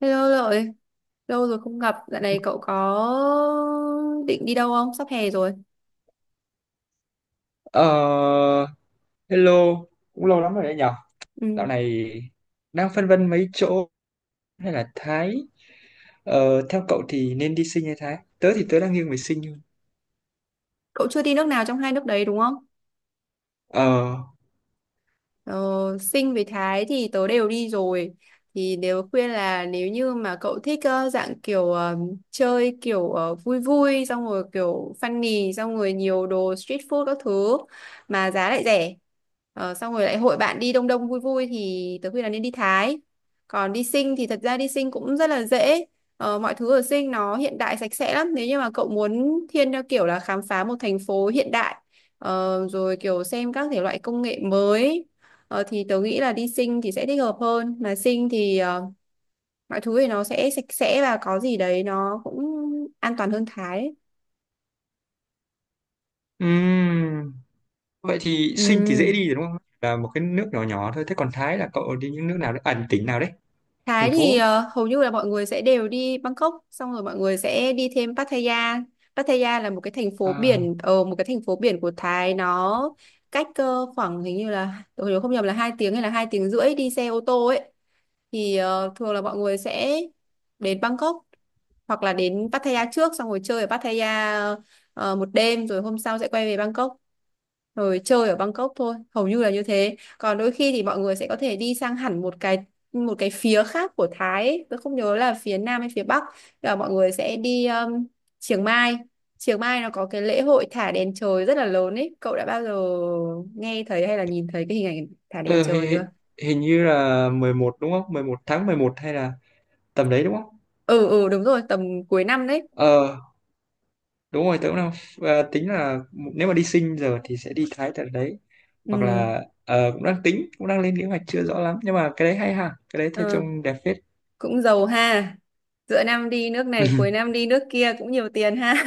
Hello Lợi, lâu rồi không gặp, dạo này cậu có định đi đâu không? Sắp hè rồi. Ờ, hello, cũng lâu lắm rồi đấy nhở. Dạo Ừ. này đang phân vân mấy chỗ hay là Thái. Ờ, theo cậu thì nên đi Sinh hay Thái? Tớ thì tớ đang nghiêng về Sinh hơn. Cậu chưa đi nước nào trong hai nước đấy đúng không? Ờ, Ờ, Sinh với Thái thì tớ đều đi rồi, thì nếu khuyên là nếu như mà cậu thích dạng kiểu chơi kiểu vui vui, xong rồi kiểu funny, xong rồi nhiều đồ street food các thứ mà giá lại rẻ. Xong rồi lại hội bạn đi đông đông vui vui thì tớ khuyên là nên đi Thái. Còn đi Sinh thì thật ra đi Sinh cũng rất là dễ. Mọi thứ ở Sinh nó hiện đại sạch sẽ lắm, nếu như mà cậu muốn thiên theo kiểu là khám phá một thành phố hiện đại. Rồi kiểu xem các thể loại công nghệ mới. Thì tớ nghĩ là đi Sinh thì sẽ thích hợp hơn, mà Sinh thì mọi thứ thì nó sẽ sạch sẽ và có gì đấy nó cũng an toàn hơn Thái ấy. ừm, vậy thì Ừ. Sinh thì dễ đi rồi đúng không? Là một cái nước nhỏ nhỏ thôi. Thế còn Thái là cậu đi những nước nào đấy? À, tỉnh nào đấy? Thái Thành thì phố. Hầu như là mọi người sẽ đều đi Bangkok, xong rồi mọi người sẽ đi thêm Pattaya. Pattaya là À, một cái thành phố biển của Thái. Nó cách khoảng, hình như là tôi nhớ không nhầm là 2 tiếng hay là 2 tiếng rưỡi đi xe ô tô ấy. Thì thường là mọi người sẽ đến Bangkok hoặc là đến Pattaya trước, xong rồi chơi ở Pattaya một đêm, rồi hôm sau sẽ quay về Bangkok rồi chơi ở Bangkok thôi, hầu như là như thế. Còn đôi khi thì mọi người sẽ có thể đi sang hẳn một cái phía khác của Thái ấy. Tôi không nhớ là phía Nam hay phía Bắc. Tức là mọi người sẽ đi Chiang Mai. Chiang Mai nó có cái lễ hội thả đèn trời rất là lớn ấy. Cậu đã bao giờ nghe thấy hay là nhìn thấy cái hình ảnh thả đèn ờ, trời chưa? hình như là 11 đúng không? 11 tháng 11 hay là tầm đấy đúng không? Ừ, ừ, đúng rồi, tầm cuối năm đấy. Ờ, đúng rồi, tớ cũng đang tính là nếu mà đi Sinh giờ thì sẽ đi Thái tận đấy. Hoặc Ừ. là cũng đang tính, cũng đang lên kế hoạch chưa rõ lắm, nhưng mà cái đấy hay ha, cái đấy thấy ờ, trông đẹp phết. Cũng giàu ha, giữa năm đi nước này cuối năm đi nước kia cũng nhiều tiền ha.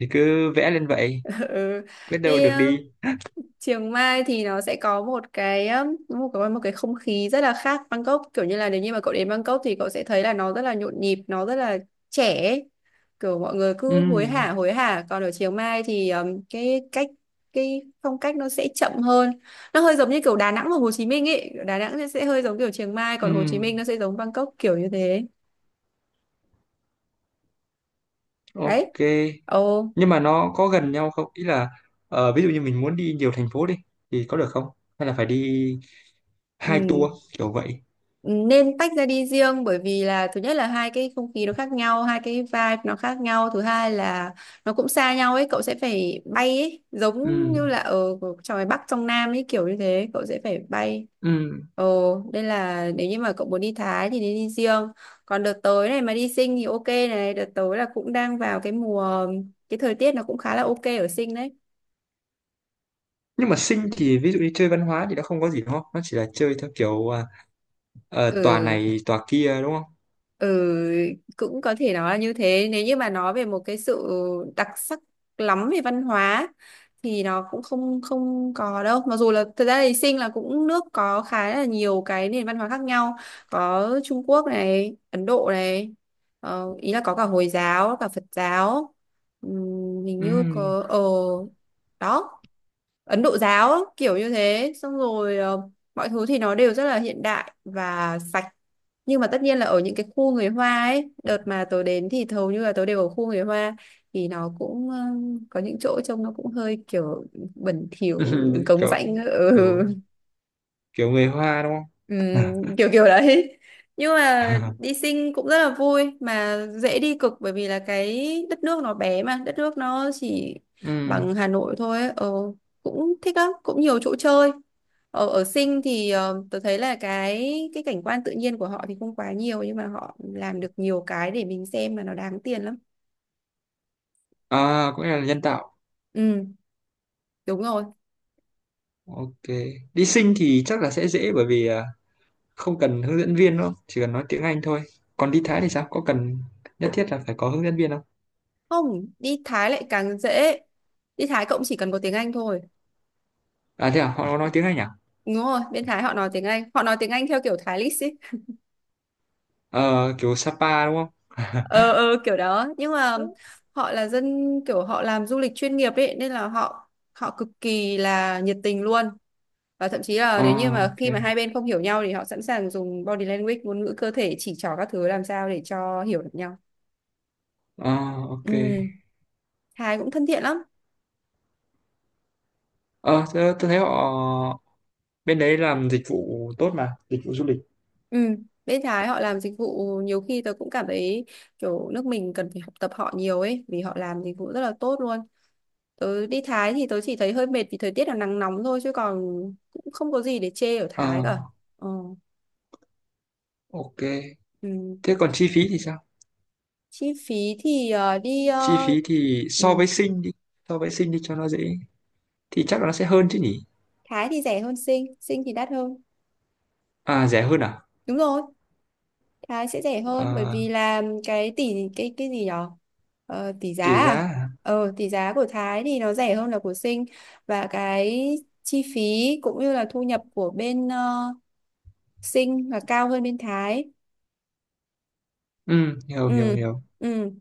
Thì cứ vẽ lên vậy, Ừ. biết đâu Đi được đi. Chiang Mai thì nó sẽ có một cái không khí rất là khác Bangkok. Kiểu như là nếu như mà cậu đến Bangkok thì cậu sẽ thấy là nó rất là nhộn nhịp, nó rất là trẻ ấy. Kiểu mọi người cứ hối Ừ hả hối hả, còn ở Chiang Mai thì cái phong cách nó sẽ chậm hơn. Nó hơi giống như kiểu Đà Nẵng và Hồ Chí Minh ấy. Đà Nẵng sẽ hơi giống kiểu Chiang Mai, còn Hồ Chí ừ, Minh nó sẽ giống Bangkok, kiểu như thế. Đấy. ok. Ồ. Nhưng mà nó có gần nhau không, ý là ví dụ như mình muốn đi nhiều thành phố đi thì có được không, hay là phải đi Ừ. hai tour kiểu vậy? Ừ, nên tách ra đi riêng, bởi vì là thứ nhất là hai cái không khí nó khác nhau, hai cái vibe nó khác nhau. Thứ hai là nó cũng xa nhau ấy, cậu sẽ phải bay ấy, giống Ừ như là ở trong, ngoài Bắc trong Nam ấy, kiểu như thế. Cậu sẽ phải bay. ừ. Ồ, nên là nếu như mà cậu muốn đi Thái thì nên đi riêng. Còn đợt tới này mà đi Sing thì ok này, đợt tới là cũng đang vào cái mùa, cái thời tiết nó cũng khá là ok ở Sing đấy. Nhưng mà Sinh thì ví dụ như chơi văn hóa thì nó không có gì đúng không, nó chỉ là chơi theo kiểu tòa Ừ. này tòa kia đúng không. Ừ, cũng có thể nói là như thế. Nếu như mà nói về một cái sự đặc sắc lắm về văn hóa thì nó cũng không không có đâu. Mặc dù là thật ra thì Sinh là cũng nước có khá là nhiều cái nền văn hóa khác nhau. Có Trung Quốc này, Ấn Độ này, ý là có cả Hồi giáo, cả Phật giáo. Hình như Ừ. có đó, Ấn Độ giáo, kiểu như thế. Xong rồi mọi thứ thì nó đều rất là hiện đại và sạch. Nhưng mà tất nhiên là ở những cái khu người Hoa ấy, đợt mà tớ đến thì hầu như là tớ đều ở khu người Hoa, thì nó cũng có những chỗ trông nó cũng hơi kiểu bẩn thỉu, cống kiểu rãnh, ừ. kiểu kiểu người Hoa đúng không? Kiểu kiểu đấy. Nhưng mà đi Sing cũng rất là vui, mà dễ đi cực, bởi vì là cái đất nước nó bé, mà đất nước nó chỉ Ừ. bằng Hà Nội thôi ấy. Ờ, cũng thích lắm, cũng nhiều chỗ chơi. Ở ở Sinh thì tôi thấy là cái cảnh quan tự nhiên của họ thì không quá nhiều, nhưng mà họ làm được nhiều cái để mình xem mà nó đáng tiền lắm. À, cũng là nhân tạo. Ừ, đúng rồi. Ok, đi Sing thì chắc là sẽ dễ, bởi vì không cần hướng dẫn viên đâu, chỉ cần nói tiếng Anh thôi. Còn đi Thái thì sao, có cần nhất thiết là phải có hướng dẫn viên không? Không, đi Thái lại càng dễ. Đi Thái cũng chỉ cần có tiếng Anh thôi. À, thế à, họ có nói tiếng Anh à? Đúng rồi, bên Thái họ nói tiếng Anh, họ nói tiếng Anh theo kiểu Thái lít ấy. Ờ, kiểu Sapa đúng không? Ờ, ờ, kiểu đó. Nhưng mà họ là dân, kiểu họ làm du lịch chuyên nghiệp ấy, nên là họ họ cực kỳ là nhiệt tình luôn. Và thậm chí là nếu như À, mà ok. khi mà hai bên không hiểu nhau thì họ sẵn sàng dùng body language, ngôn ngữ cơ thể, chỉ trỏ các thứ, làm sao để cho hiểu được nhau. À, ok. Ừ. Thái cũng thân thiện lắm. Ờ, tôi thấy họ bên đấy làm dịch vụ tốt, mà dịch vụ du lịch. Ừ. Bên Thái họ làm dịch vụ, nhiều khi tôi cũng cảm thấy kiểu nước mình cần phải học tập họ nhiều ấy, vì họ làm dịch vụ rất là tốt luôn. Tớ đi Thái thì tớ chỉ thấy hơi mệt vì thời tiết là nắng nóng thôi, chứ còn cũng không có gì để chê ở Ờ, Thái cả. ờ. ok. Ừ. Thế còn chi phí thì sao? Chi phí thì đi Chi phí thì Ừ. So với Sinh đi cho nó dễ, thì chắc là nó sẽ hơn chứ nhỉ. Thái thì rẻ hơn Sing. Sing thì đắt hơn. À, rẻ hơn à? Đúng rồi, Thái sẽ rẻ hơn, bởi Ờ, vì là cái gì nhở? Ờ, tỷ giá tùy giá à? à? Tỷ giá của Thái thì nó rẻ hơn là của Sinh. Và cái chi phí cũng như là thu nhập của bên Sinh là cao hơn bên Thái. Ừ, hiểu hiểu Ừ. hiểu. Ừ.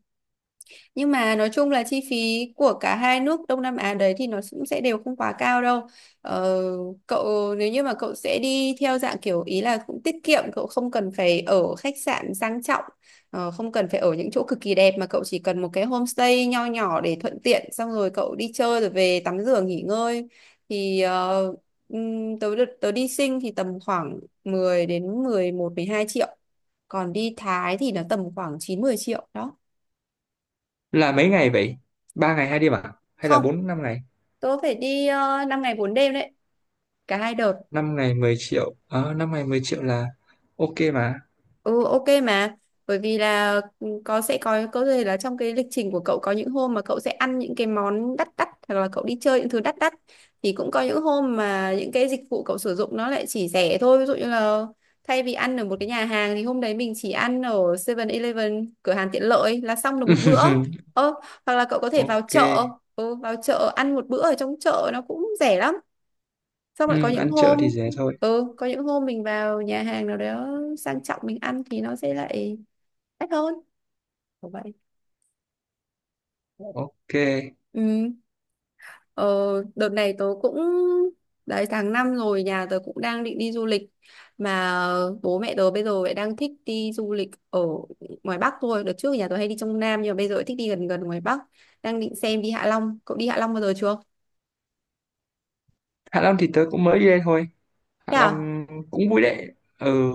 Nhưng mà nói chung là chi phí của cả hai nước Đông Nam Á đấy thì nó cũng sẽ đều không quá cao đâu. Ờ, cậu Nếu như mà cậu sẽ đi theo dạng kiểu ý là cũng tiết kiệm, cậu không cần phải ở khách sạn sang trọng, không cần phải ở những chỗ cực kỳ đẹp, mà cậu chỉ cần một cái homestay nho nhỏ để thuận tiện, xong rồi cậu đi chơi rồi về tắm rửa nghỉ ngơi, thì tớ đi Sing thì tầm khoảng 10 đến 11 12 triệu. Còn đi Thái thì nó tầm khoảng 9 10 triệu đó. Là mấy ngày vậy, 3 ngày 2 đêm à hay là Không. 4 5 ngày? Tôi phải đi 5 ngày 4 đêm đấy, cả hai đợt. 5 ngày 10 triệu. Ờ, 5 ngày 10 triệu là ok mà. Ừ, ok mà, bởi vì là có sẽ có thể là trong cái lịch trình của cậu có những hôm mà cậu sẽ ăn những cái món đắt đắt, hoặc là cậu đi chơi những thứ đắt đắt. Thì cũng có những hôm mà những cái dịch vụ cậu sử dụng nó lại chỉ rẻ thôi, ví dụ như là thay vì ăn ở một cái nhà hàng thì hôm đấy mình chỉ ăn ở 7-Eleven, cửa hàng tiện lợi, là xong được một bữa. Ờ, hoặc là cậu có thể vào Ok. chợ, vào chợ ăn một bữa ở trong chợ nó cũng rẻ lắm. Xong lại có Ừ, những ăn chợ thì hôm, rẻ thôi. Có những hôm mình vào nhà hàng nào đó sang trọng, mình ăn thì nó sẽ lại đắt hơn, kiểu vậy. Ok. Ừ. ờ, Đợt này tớ cũng, đấy, tháng 5 rồi, nhà tớ cũng đang định đi du lịch mà. Bố mẹ tớ bây giờ lại đang thích đi du lịch ở ngoài Bắc thôi. Đợt trước nhà tớ hay đi trong Nam, nhưng mà bây giờ lại thích đi gần gần ngoài Bắc. Đang định xem đi Hạ Long. Cậu đi Hạ Long bao giờ chưa? Hạ Long thì tớ cũng mới đi đây thôi. Hạ Thế à? Long cũng vui đấy. Ừ.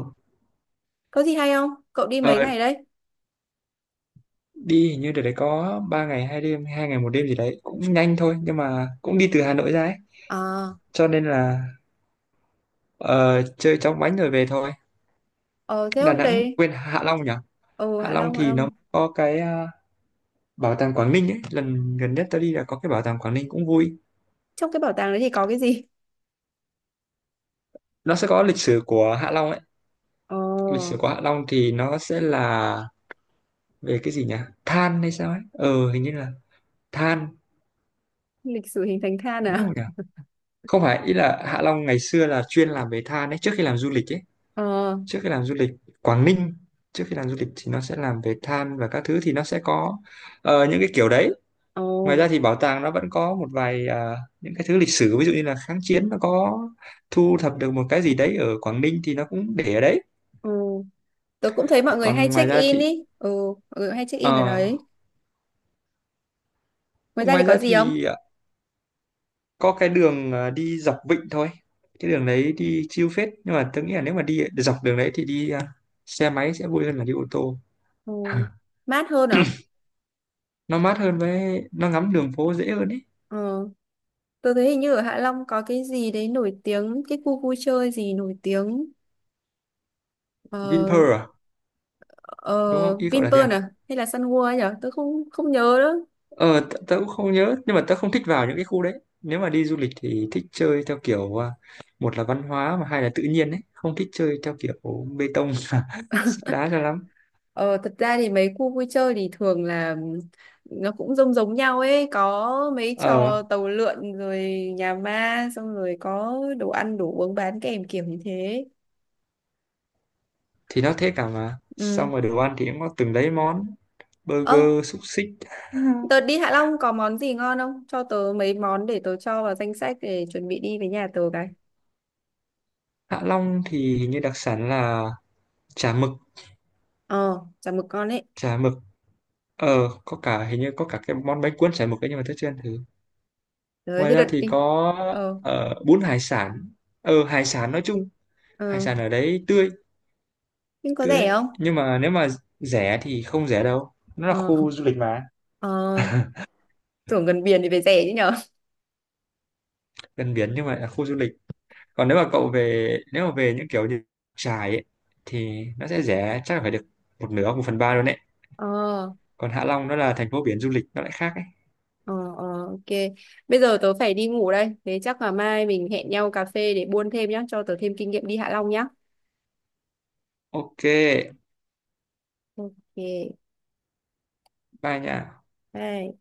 Có gì hay không? Cậu đi mấy ờ, ngày đấy? Đi hình như đợt đấy có 3 ngày 2 đêm 2 ngày 1 đêm gì đấy, cũng nhanh thôi, nhưng mà cũng đi từ Hà Nội ra ấy, à cho nên là Ờ, chơi chóng vánh rồi về thôi. ờ Thế Đà hôm Nẵng, đấy, quên, Hạ Long nhỉ? ừ, Hạ Hạ Long Long Hạ thì nó Long có cái bảo tàng Quảng Ninh ấy. Lần gần nhất tôi đi là có cái bảo tàng Quảng Ninh, cũng vui. Trong cái bảo tàng đấy thì có cái gì? Nó sẽ có lịch sử của Hạ Long ấy. Ồ, Lịch sử của Hạ Long thì nó sẽ là về cái gì nhỉ? Than hay sao ấy? Ờ, hình như là than. lịch sử hình thành than Đúng à? không nhỉ? Không phải, ý là Hạ Long ngày xưa là chuyên làm về than ấy. Trước khi làm du lịch ấy. Ờ. Trước khi làm du lịch Quảng Ninh. Trước khi làm du lịch thì nó sẽ làm về than và các thứ, thì nó sẽ có những cái kiểu đấy. Ồ, Ngoài ra thì bảo tàng nó vẫn có một vài những cái thứ lịch sử, ví dụ như là kháng chiến nó có thu thập được một cái gì đấy ở Quảng Ninh thì nó cũng để ở đấy. ồ. Tớ cũng thấy mọi người hay Còn ngoài check ra in thì ý. Ừ, mọi người hay check in ở ờ, đấy. Ngoài ra thì ngoài có ra gì không? thì à, có cái đường đi dọc vịnh thôi. Cái đường đấy đi chill phết, nhưng mà tôi nghĩ là nếu mà đi dọc đường đấy thì đi xe máy sẽ vui hơn là đi ô tô. Ừ, mát hơn à? Nó mát hơn, với nó ngắm đường phố dễ hơn ý. Ờ, tớ thấy hình như ở Hạ Long có cái gì đấy nổi tiếng, cái khu vui chơi gì nổi tiếng. Ờ, Vinpearl à? ờ, Đúng không, ý cậu là thế Vinpearl à? à? Hay là Sun World ấy nhở? Tớ không không nhớ nữa. Ờ, tớ cũng không nhớ, nhưng mà tớ không thích vào những cái khu đấy. Nếu mà đi du lịch thì thích chơi theo kiểu một là văn hóa mà hai là tự nhiên ấy, không thích chơi theo kiểu bê tông sét đá cho lắm. Ờ, thật ra thì mấy khu vui chơi thì thường là nó cũng giống giống nhau ấy, có mấy Ờ, trò tàu lượn rồi nhà ma, xong rồi có đồ ăn đồ uống bán kèm, kiểu như thế. thì nó thế cả mà. Ừ. Xong rồi đồ ăn thì cũng có từng đấy món, Ơ, burger, xúc xích. tớ đi Hạ Long có món gì ngon không? Cho tớ mấy món để tớ cho vào danh sách để chuẩn bị đi với nhà tớ cái. Hạ Long thì hình như đặc sản là chả mực, Ờ, chả mực con ấy. chả mực. Ờ, có cả, hình như có cả cái món bánh cuốn chả mực ấy, nhưng mà tớ chưa ăn thử. Rồi, Ngoài thế ra đợt thì đi. có Ờ, bún hải sản. Ờ, hải sản nói chung, hải ờ. sản ở đấy tươi, Nhưng có tươi rẻ đấy. không? Nhưng mà nếu mà rẻ thì không rẻ đâu, nó là Ờ. khu du lịch mà. Ờ. Tưởng gần biển thì phải rẻ chứ nhở? Gần biển nhưng mà là khu du lịch. Còn nếu mà về những kiểu như Trải ấy, thì nó sẽ rẻ, chắc là phải được một nửa 1/3 luôn đấy. Ờ. Còn Hạ Long nó là thành phố biển du lịch nó lại khác ấy. Ờ, ờ, ok. Bây giờ tớ phải đi ngủ đây. Thế chắc là mai mình hẹn nhau cà phê để buôn thêm nhá, cho tớ thêm kinh nghiệm đi Hạ Long nhá. Ok, Ok. bye nha. Bye.